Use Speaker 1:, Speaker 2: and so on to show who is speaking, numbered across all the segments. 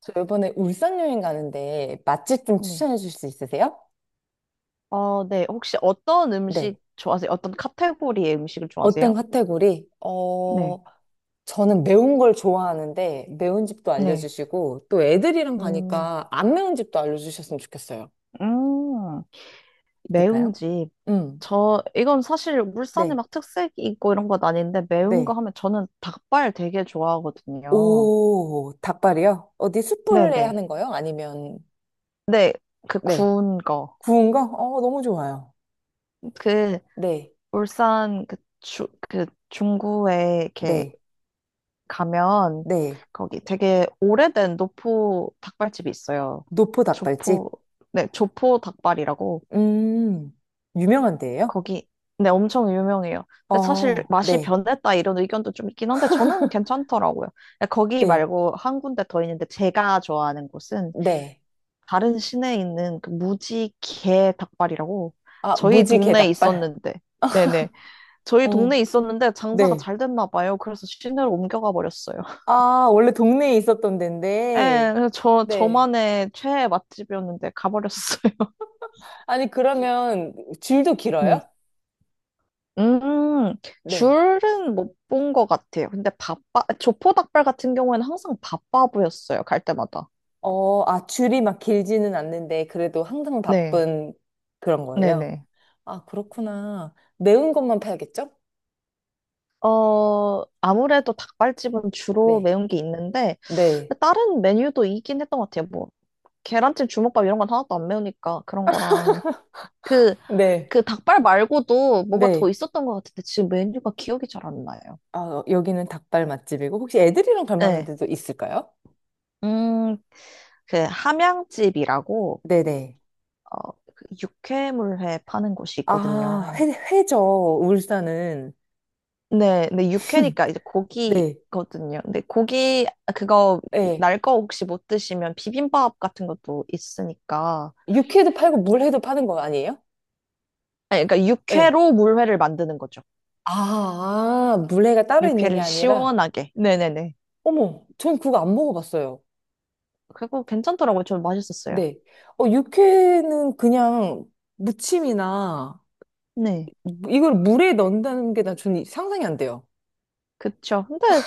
Speaker 1: 저 이번에 울산 여행 가는데 맛집 좀
Speaker 2: 네.
Speaker 1: 추천해 주실 수 있으세요?
Speaker 2: 네. 혹시 어떤 음식
Speaker 1: 네.
Speaker 2: 좋아하세요? 어떤 카테고리의 음식을
Speaker 1: 어떤
Speaker 2: 좋아하세요?
Speaker 1: 카테고리?
Speaker 2: 네.
Speaker 1: 어, 저는 매운 걸 좋아하는데 매운 집도
Speaker 2: 네.
Speaker 1: 알려주시고 또 애들이랑
Speaker 2: 음,
Speaker 1: 가니까 안 매운 집도 알려주셨으면 좋겠어요.
Speaker 2: 음,
Speaker 1: 있을까요?
Speaker 2: 매운 집.
Speaker 1: 음,
Speaker 2: 이건 사실 울산에
Speaker 1: 네,
Speaker 2: 막 특색 있고 이런 건 아닌데, 매운 거
Speaker 1: 네.
Speaker 2: 하면 저는 닭발 되게 좋아하거든요.
Speaker 1: 오, 닭발이요? 어디 숯불에
Speaker 2: 네네.
Speaker 1: 하는 거요? 아니면,
Speaker 2: 네. 그
Speaker 1: 네.
Speaker 2: 구운 거.
Speaker 1: 구운 거? 어, 너무 좋아요.
Speaker 2: 그,
Speaker 1: 네,
Speaker 2: 울산 그 그 중구에 이렇게
Speaker 1: 네,
Speaker 2: 가면
Speaker 1: 네.
Speaker 2: 거기 되게 오래된 노포 닭발집이 있어요.
Speaker 1: 노포
Speaker 2: 조포,
Speaker 1: 닭발집?
Speaker 2: 네, 조포 닭발이라고
Speaker 1: 음, 유명한 데예요?
Speaker 2: 거기 네, 엄청 유명해요. 근데 사실
Speaker 1: 어,
Speaker 2: 맛이
Speaker 1: 네.
Speaker 2: 변했다 이런 의견도 좀 있긴 한데 저는 괜찮더라고요. 근데 거기
Speaker 1: 네.
Speaker 2: 말고 한 군데 더 있는데 제가 좋아하는 곳은
Speaker 1: 네.
Speaker 2: 다른 시내에 있는 그 무지개 닭발이라고
Speaker 1: 아,
Speaker 2: 저희
Speaker 1: 무지개
Speaker 2: 동네에
Speaker 1: 닭발.
Speaker 2: 있었는데 네네 저희 동네에
Speaker 1: 어,
Speaker 2: 있었는데 장사가
Speaker 1: 네.
Speaker 2: 잘 됐나 봐요. 그래서 시내로 옮겨가 버렸어요.
Speaker 1: 아, 원래 동네에 있었던
Speaker 2: 예,
Speaker 1: 데인데.
Speaker 2: 그래서 저,
Speaker 1: 네.
Speaker 2: 저만의 최애 맛집이었는데 가버렸어요.
Speaker 1: 아니, 그러면 줄도 길어요?
Speaker 2: 네. 음,
Speaker 1: 네.
Speaker 2: 줄은 못 본 것 같아요. 근데 조포닭발 같은 경우에는 항상 바빠 보였어요. 갈 때마다.
Speaker 1: 어, 아, 줄이 막 길지는 않는데, 그래도 항상
Speaker 2: 네.
Speaker 1: 바쁜 그런 거예요.
Speaker 2: 네네.
Speaker 1: 아, 그렇구나. 매운 것만 팔겠죠?
Speaker 2: 아무래도 닭발집은 주로
Speaker 1: 네.
Speaker 2: 매운 게 있는데,
Speaker 1: 네,
Speaker 2: 다른 메뉴도 있긴 했던 것 같아요. 뭐, 계란찜, 주먹밥 이런 건 하나도 안 매우니까 그런 거랑. 그,
Speaker 1: 네.
Speaker 2: 그 닭발 말고도 뭐가 더
Speaker 1: 네.
Speaker 2: 있었던 것 같은데, 지금 메뉴가 기억이 잘 안 나요.
Speaker 1: 아, 어, 여기는 닭발 맛집이고, 혹시 애들이랑 갈 만한
Speaker 2: 네.
Speaker 1: 데도 있을까요?
Speaker 2: 음, 그 함양집이라고
Speaker 1: 네네.
Speaker 2: 그 육회물회 파는 곳이
Speaker 1: 아,
Speaker 2: 있거든요.
Speaker 1: 회, 회죠, 울산은.
Speaker 2: 네, 근데 육회니까 이제
Speaker 1: 네.
Speaker 2: 고기거든요. 근데 고기 그거
Speaker 1: 예.
Speaker 2: 날 거 혹시 못 드시면 비빔밥 같은 것도 있으니까.
Speaker 1: 육회도 팔고 물회도 파는 거 아니에요?
Speaker 2: 아니, 그러니까
Speaker 1: 예.
Speaker 2: 육회로 물회를 만드는 거죠.
Speaker 1: 아, 아, 물회가 따로 있는 게
Speaker 2: 육회를
Speaker 1: 아니라,
Speaker 2: 시원하게. 네네네.
Speaker 1: 어머, 전 그거 안 먹어봤어요.
Speaker 2: 그거 괜찮더라고요. 좀 맛있었어요.
Speaker 1: 네. 어, 육회는 그냥 무침이나,
Speaker 2: 네,
Speaker 1: 이걸 물에 넣는다는 게 나 전 상상이 안 돼요.
Speaker 2: 그쵸. 근데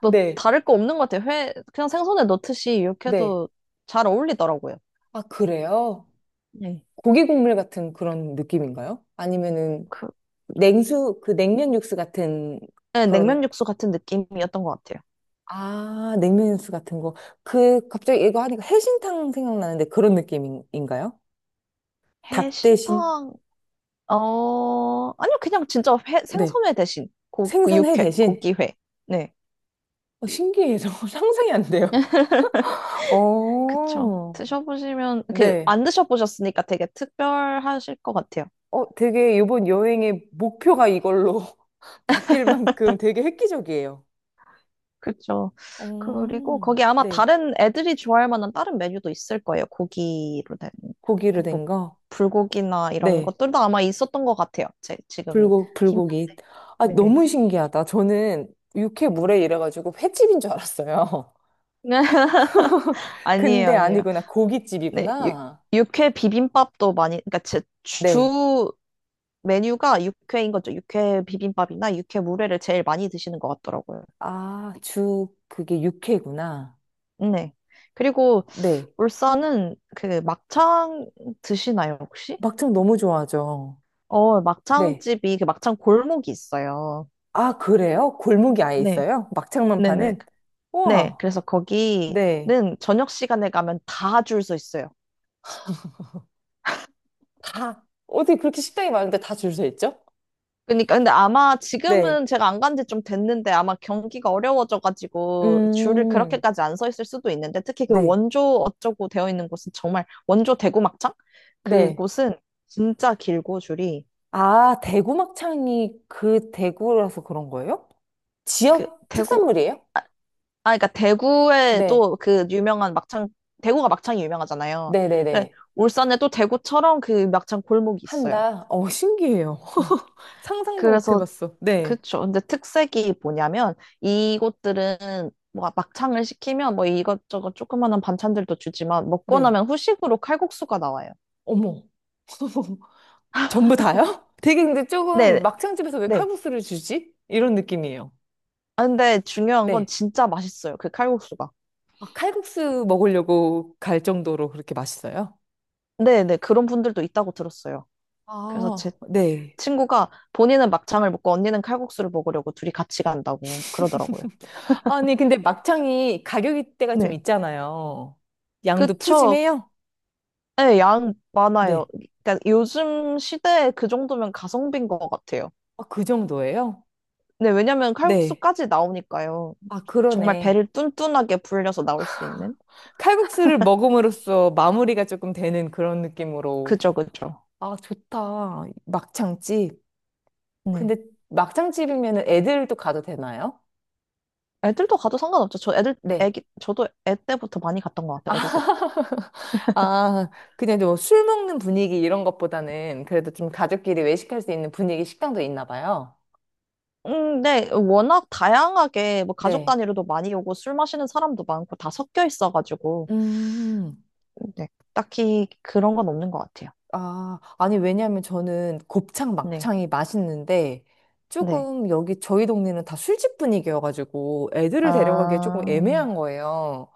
Speaker 2: 뭐
Speaker 1: 네,
Speaker 2: 다를 거 없는 것 같아요. 회 그냥 생선에 넣듯이
Speaker 1: 네.
Speaker 2: 육회도 잘 어울리더라고요.
Speaker 1: 아, 그래요?
Speaker 2: 네.
Speaker 1: 고기 국물 같은 그런 느낌인가요? 아니면은
Speaker 2: 그,
Speaker 1: 냉수, 그 냉면 육수 같은
Speaker 2: 네, 냉면
Speaker 1: 그런,
Speaker 2: 육수 같은 느낌이었던 것 같아요.
Speaker 1: 아, 냉면 육수 같은 거. 그, 갑자기 이거 하니까 해신탕 생각나는데 그런 느낌인가요? 닭 대신?
Speaker 2: 해신탕, 아니요, 그냥 진짜 회,
Speaker 1: 네.
Speaker 2: 생선회 대신 그
Speaker 1: 생선회
Speaker 2: 육회,
Speaker 1: 대신?
Speaker 2: 고기회. 네,
Speaker 1: 어, 신기해서 상상이 안 돼요.
Speaker 2: 그쵸.
Speaker 1: 어,
Speaker 2: 드셔보시면, 그렇게
Speaker 1: 네.
Speaker 2: 안 드셔보셨으니까 되게 특별하실 것 같아요.
Speaker 1: 어, 되게 이번 여행의 목표가 이걸로 바뀔 만큼 되게 획기적이에요.
Speaker 2: 그쵸. 그리고
Speaker 1: 어,
Speaker 2: 거기 아마
Speaker 1: 네.
Speaker 2: 다른 애들이 좋아할 만한 다른 메뉴도 있을 거예요. 고기로 된,
Speaker 1: 고기로
Speaker 2: 뭐,
Speaker 1: 된 거?
Speaker 2: 불고기나 이런
Speaker 1: 네.
Speaker 2: 것들도 아마 있었던 것 같아요. 지금 힘,
Speaker 1: 불고기. 아,
Speaker 2: 네.
Speaker 1: 너무 신기하다. 저는 육회 물회 이래가지고 횟집인 줄 알았어요.
Speaker 2: 아니에요,
Speaker 1: 근데
Speaker 2: 아니에요.
Speaker 1: 아니구나.
Speaker 2: 네, 육,
Speaker 1: 고깃집이구나.
Speaker 2: 육회 비빔밥도 많이, 그러니까 제
Speaker 1: 네.
Speaker 2: 주 메뉴가 육회인 거죠. 육회 비빔밥이나 육회 물회를 제일 많이 드시는 것 같더라고요.
Speaker 1: 아, 주 그게 육회구나.
Speaker 2: 네. 그리고
Speaker 1: 네.
Speaker 2: 울산은 그 막창 드시나요, 혹시?
Speaker 1: 막창 너무 좋아하죠. 네.
Speaker 2: 막창집이 그 막창 골목이 있어요.
Speaker 1: 아, 그래요? 골목이 아예
Speaker 2: 네.
Speaker 1: 있어요? 막창만
Speaker 2: 네네.
Speaker 1: 파는?
Speaker 2: 네.
Speaker 1: 우와.
Speaker 2: 그래서 거기는
Speaker 1: 네.
Speaker 2: 저녁 시간에 가면 다 줄 서 있어요.
Speaker 1: 다, 어디 그렇게 식당이 많은데 다 줄서 있죠?
Speaker 2: 그러니까 근데 아마
Speaker 1: 네.
Speaker 2: 지금은 제가 안 간지 좀 됐는데 아마 경기가 어려워져가지고 줄을
Speaker 1: 음,
Speaker 2: 그렇게까지 안 서 있을 수도 있는데 특히 그
Speaker 1: 네.
Speaker 2: 원조 어쩌고 되어 있는 곳은 정말 원조 대구 막창
Speaker 1: 네.
Speaker 2: 그곳은 진짜 길고 줄이
Speaker 1: 아, 대구 막창이 그 대구라서 그런 거예요?
Speaker 2: 그
Speaker 1: 지역
Speaker 2: 대구
Speaker 1: 특산물이에요?
Speaker 2: 아 그러니까 대구에
Speaker 1: 네.
Speaker 2: 또 그 유명한 막창 대구가 막창이 유명하잖아요. 근데
Speaker 1: 네네네.
Speaker 2: 울산에 또 대구처럼 그 막창 골목이 있어요.
Speaker 1: 한다. 어, 신기해요.
Speaker 2: 네.
Speaker 1: 상상도 못
Speaker 2: 그래서
Speaker 1: 해봤어. 네,
Speaker 2: 그쵸. 근데 특색이 뭐냐면 이곳들은 뭐 막창을 시키면 뭐 이것저것 조그마한 반찬들도 주지만 먹고
Speaker 1: 네.
Speaker 2: 나면 후식으로 칼국수가 나와요.
Speaker 1: 어머. 전부 다요? 되게 근데
Speaker 2: 네,
Speaker 1: 조금 막창집에서 왜
Speaker 2: 네.
Speaker 1: 칼국수를 주지? 이런 느낌이에요.
Speaker 2: 아, 근데 중요한 건
Speaker 1: 네.
Speaker 2: 진짜 맛있어요. 그 칼국수가.
Speaker 1: 아, 칼국수 먹으려고 갈 정도로 그렇게 맛있어요?
Speaker 2: 네, 네. 그런 분들도 있다고 들었어요. 그래서
Speaker 1: 아,
Speaker 2: 제
Speaker 1: 네.
Speaker 2: 친구가 본인은 막창을 먹고 언니는 칼국수를 먹으려고 둘이 같이 간다고 그러더라고요.
Speaker 1: 아니, 근데 막창이 가격이 대가좀
Speaker 2: 네.
Speaker 1: 있잖아요. 양도
Speaker 2: 그쵸.
Speaker 1: 푸짐해요?
Speaker 2: 네, 양 많아요.
Speaker 1: 네.
Speaker 2: 그러니까 요즘 시대에 그 정도면 가성비인 것 같아요.
Speaker 1: 아, 그 정도예요?
Speaker 2: 네, 왜냐면
Speaker 1: 네.
Speaker 2: 칼국수까지 나오니까요.
Speaker 1: 아,
Speaker 2: 정말
Speaker 1: 그러네.
Speaker 2: 배를 뚠뚠하게 불려서 나올 수 있는?
Speaker 1: 칼국수를 먹음으로써 마무리가 조금 되는 그런 느낌으로
Speaker 2: 그죠, 그죠.
Speaker 1: 아, 좋다. 막창집.
Speaker 2: 네.
Speaker 1: 근데 막창집이면 애들도 가도 되나요?
Speaker 2: 애들도 가도 상관없죠. 저 애들,
Speaker 1: 네.
Speaker 2: 애기, 저도 애 때부터 많이 갔던 것 같아요, 어릴 때부터.
Speaker 1: 아, 그냥 뭐 술 먹는 분위기 이런 것보다는 그래도 좀 가족끼리 외식할 수 있는 분위기 식당도 있나 봐요.
Speaker 2: 네, 워낙 다양하게 뭐 가족
Speaker 1: 네.
Speaker 2: 단위로도 많이 오고 술 마시는 사람도 많고 다 섞여 있어가지고,
Speaker 1: 음,
Speaker 2: 네, 딱히 그런 건 없는 것 같아요.
Speaker 1: 아, 아니, 왜냐면 저는 곱창,
Speaker 2: 네.
Speaker 1: 막창이 맛있는데
Speaker 2: 네.
Speaker 1: 조금 여기 저희 동네는 다 술집 분위기여가지고 애들을 데려가기에 조금
Speaker 2: 아,
Speaker 1: 애매한 거예요.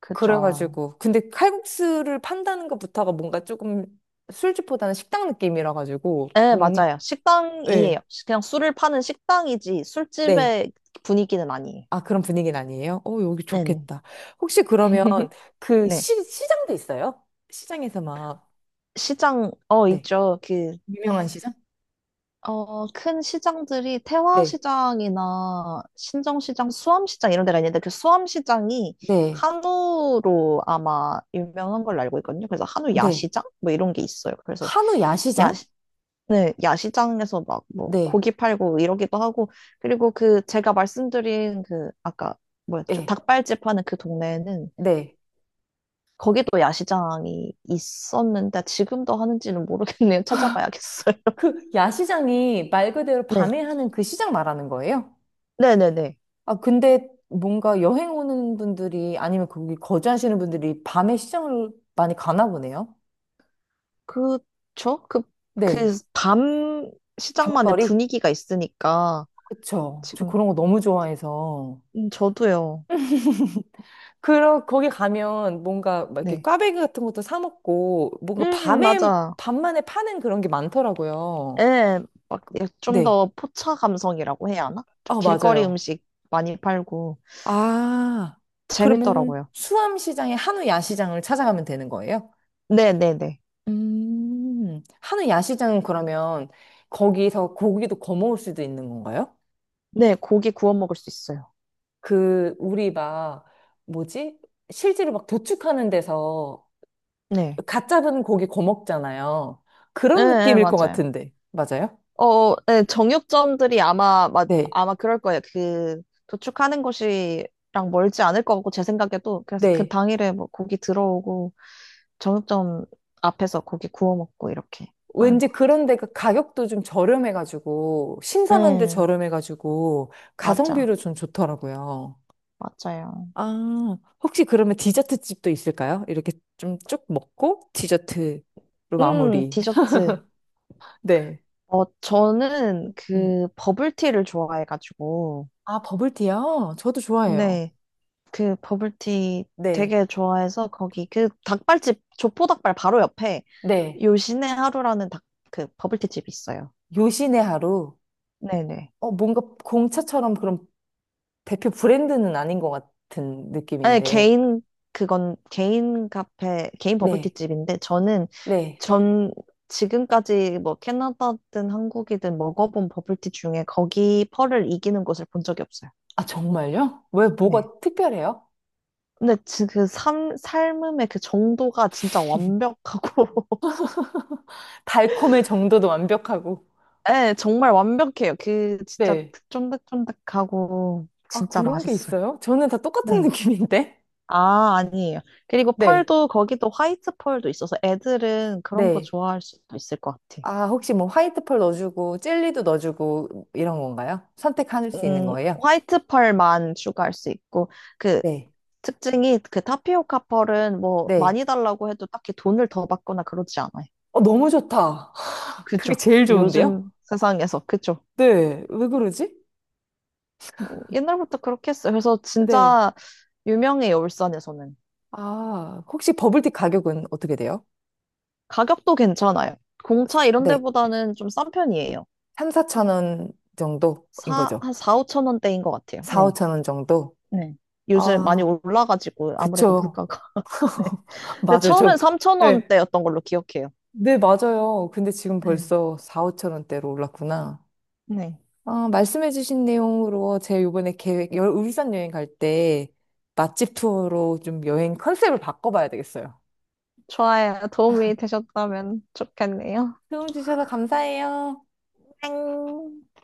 Speaker 2: 그죠.
Speaker 1: 그래가지고 근데 칼국수를 판다는 것부터가 뭔가 조금 술집보다는 식당 느낌이라 가지고
Speaker 2: 네,
Speaker 1: 뭔
Speaker 2: 맞아요. 식당이에요.
Speaker 1: 네.
Speaker 2: 그냥 술을 파는 식당이지
Speaker 1: 네.
Speaker 2: 술집의 분위기는 아니에요.
Speaker 1: 아, 그런 분위기는 아니에요? 어, 여기
Speaker 2: 네네.
Speaker 1: 좋겠다. 혹시 그러면 그
Speaker 2: 네.
Speaker 1: 시장도 있어요? 시장에서 막
Speaker 2: 시장,
Speaker 1: 네.
Speaker 2: 있죠.
Speaker 1: 유명한 시장?
Speaker 2: 큰 시장들이
Speaker 1: 네.
Speaker 2: 태화시장이나 신정시장, 수암시장 이런 데가 있는데 그 수암시장이
Speaker 1: 네.
Speaker 2: 한우로 아마 유명한 걸로 알고 있거든요. 그래서 한우
Speaker 1: 네.
Speaker 2: 야시장? 뭐 이런 게 있어요. 그래서
Speaker 1: 한우
Speaker 2: 야,
Speaker 1: 야시장?
Speaker 2: 네, 야시장에서 막 뭐
Speaker 1: 네.
Speaker 2: 고기 팔고 이러기도 하고 그리고 그 제가 말씀드린 그 아까 뭐였죠?
Speaker 1: 네.
Speaker 2: 닭발집 하는 그 동네는
Speaker 1: 네.
Speaker 2: 거기도 야시장이 있었는데 지금도 하는지는 모르겠네요. 찾아봐야겠어요.
Speaker 1: 그 야시장이 말 그대로
Speaker 2: 네.
Speaker 1: 밤에 하는 그 시장 말하는 거예요?
Speaker 2: 네네네.
Speaker 1: 아, 근데 뭔가 여행 오는 분들이 아니면 거기 거주하시는 분들이 밤에 시장을 많이 가나 보네요.
Speaker 2: 그쵸?
Speaker 1: 네.
Speaker 2: 밤 시장만의
Speaker 1: 밤거리?
Speaker 2: 분위기가 있으니까
Speaker 1: 그쵸. 저
Speaker 2: 지금,
Speaker 1: 그런 거 너무 좋아해서.
Speaker 2: 저도요.
Speaker 1: 그러, 거기 가면 뭔가 막 이렇게
Speaker 2: 네.
Speaker 1: 꽈배기 같은 것도 사 먹고 뭔가 밤에,
Speaker 2: 맞아.
Speaker 1: 밤만에 파는 그런 게 많더라고요.
Speaker 2: 예, 막, 예, 좀
Speaker 1: 네.
Speaker 2: 더 포차 감성이라고 해야 하나? 좀
Speaker 1: 아,
Speaker 2: 길거리
Speaker 1: 맞아요.
Speaker 2: 음식 많이 팔고
Speaker 1: 아, 그러면
Speaker 2: 재밌더라고요.
Speaker 1: 수암시장의 한우 야시장을 찾아가면 되는 거예요?
Speaker 2: 네네네.
Speaker 1: 하는 야시장은 그러면 거기서 고기도 거먹을 수도 있는 건가요?
Speaker 2: 네, 고기 구워 먹을 수 있어요.
Speaker 1: 그, 우리 막, 뭐지? 실제로 막 도축하는 데서
Speaker 2: 네.
Speaker 1: 갓 잡은 고기 거먹잖아요.
Speaker 2: 예,
Speaker 1: 그런
Speaker 2: 예,
Speaker 1: 느낌일 것
Speaker 2: 맞아요.
Speaker 1: 같은데. 맞아요?
Speaker 2: 네, 정육점들이 아마, 마,
Speaker 1: 네.
Speaker 2: 아마 그럴 거예요. 도축하는 곳이랑 멀지 않을 것 같고, 제 생각에도. 그래서 그
Speaker 1: 네.
Speaker 2: 당일에 뭐 고기 들어오고, 정육점 앞에서 고기 구워 먹고, 이렇게 하는
Speaker 1: 왠지
Speaker 2: 것 같아요.
Speaker 1: 그런 데가 가격도 좀 저렴해가지고, 신선한데
Speaker 2: 네,
Speaker 1: 저렴해가지고, 가성비로
Speaker 2: 맞아.
Speaker 1: 좀 좋더라고요.
Speaker 2: 맞아요.
Speaker 1: 아, 혹시 그러면 디저트 집도 있을까요? 이렇게 좀 쭉 먹고 디저트로 마무리.
Speaker 2: 디저트.
Speaker 1: 네.
Speaker 2: 저는
Speaker 1: 음.
Speaker 2: 그 버블티를 좋아해가지고,
Speaker 1: 아, 버블티요? 저도 좋아해요.
Speaker 2: 네. 그 버블티
Speaker 1: 네.
Speaker 2: 되게 좋아해서 거기 그 닭발집 조포 닭발 바로 옆에
Speaker 1: 네.
Speaker 2: 요신의 하루라는 닭 그 버블티 집이 있어요.
Speaker 1: 요신의 하루.
Speaker 2: 네네.
Speaker 1: 어, 뭔가 공차처럼 그런 대표 브랜드는 아닌 것 같은
Speaker 2: 아니
Speaker 1: 느낌인데.
Speaker 2: 개인 그건 개인 카페 개인 버블티
Speaker 1: 네.
Speaker 2: 집인데 저는
Speaker 1: 네.
Speaker 2: 전 지금까지 뭐 캐나다든 한국이든 먹어본 버블티 중에 거기 펄을 이기는 곳을 본 적이 없어요.
Speaker 1: 아, 정말요? 왜
Speaker 2: 네.
Speaker 1: 뭐가 특별해요?
Speaker 2: 근데 그 삶음의 그 정도가 진짜 완벽하고
Speaker 1: 달콤의 정도도 완벽하고.
Speaker 2: 네, 정말 완벽해요. 그 진짜
Speaker 1: 네.
Speaker 2: 쫀득쫀득하고
Speaker 1: 아,
Speaker 2: 진짜
Speaker 1: 그런 게
Speaker 2: 맛있어요.
Speaker 1: 있어요? 저는 다 똑같은
Speaker 2: 네.
Speaker 1: 느낌인데.
Speaker 2: 아, 아니에요. 그리고
Speaker 1: 네.
Speaker 2: 펄도 거기도 화이트 펄도 있어서 애들은 그런 거
Speaker 1: 네.
Speaker 2: 좋아할 수도 있을 것 같아요.
Speaker 1: 아, 혹시 뭐 화이트 펄 넣어주고, 젤리도 넣어주고, 이런 건가요? 선택할 수 있는 거예요?
Speaker 2: 화이트 펄만 추가할 수 있고 그
Speaker 1: 네.
Speaker 2: 특징이 그 타피오카 펄은 뭐
Speaker 1: 네.
Speaker 2: 많이 달라고 해도 딱히 돈을 더 받거나 그러지 않아요.
Speaker 1: 어, 너무 좋다. 그게
Speaker 2: 그죠?
Speaker 1: 제일 좋은데요?
Speaker 2: 요즘 세상에서 그죠?
Speaker 1: 네. 왜 그러지?
Speaker 2: 음, 옛날부터 그렇게 했어요. 그래서
Speaker 1: 네.
Speaker 2: 진짜 유명해요, 울산에서는.
Speaker 1: 아, 혹시 버블티 가격은 어떻게 돼요?
Speaker 2: 가격도 괜찮아요. 공차 이런
Speaker 1: 네.
Speaker 2: 데보다는 좀 싼 편이에요.
Speaker 1: 3, 4천 원 정도인 거죠.
Speaker 2: 한 4, 5천 원대인 것 같아요.
Speaker 1: 4,
Speaker 2: 네,
Speaker 1: 5천 원 정도?
Speaker 2: 네, 요즘 많이
Speaker 1: 아,
Speaker 2: 올라가지고 아무래도
Speaker 1: 그쵸.
Speaker 2: 물가가. 네, 근데
Speaker 1: 맞아요.
Speaker 2: 처음엔
Speaker 1: 저,
Speaker 2: 3천
Speaker 1: 네.
Speaker 2: 원대였던 걸로 기억해요.
Speaker 1: 네, 맞아요. 근데 지금
Speaker 2: 네.
Speaker 1: 벌써 4, 5천 원대로 올랐구나.
Speaker 2: 네.
Speaker 1: 아, 말씀해주신 내용으로 제가 요번에 계획, 울산 여행 갈 때 맛집 투어로 좀 여행 컨셉을 바꿔봐야 되겠어요.
Speaker 2: 좋아요. 도움이 되셨다면 좋겠네요.
Speaker 1: 도움 주셔서 감사해요.
Speaker 2: 땡.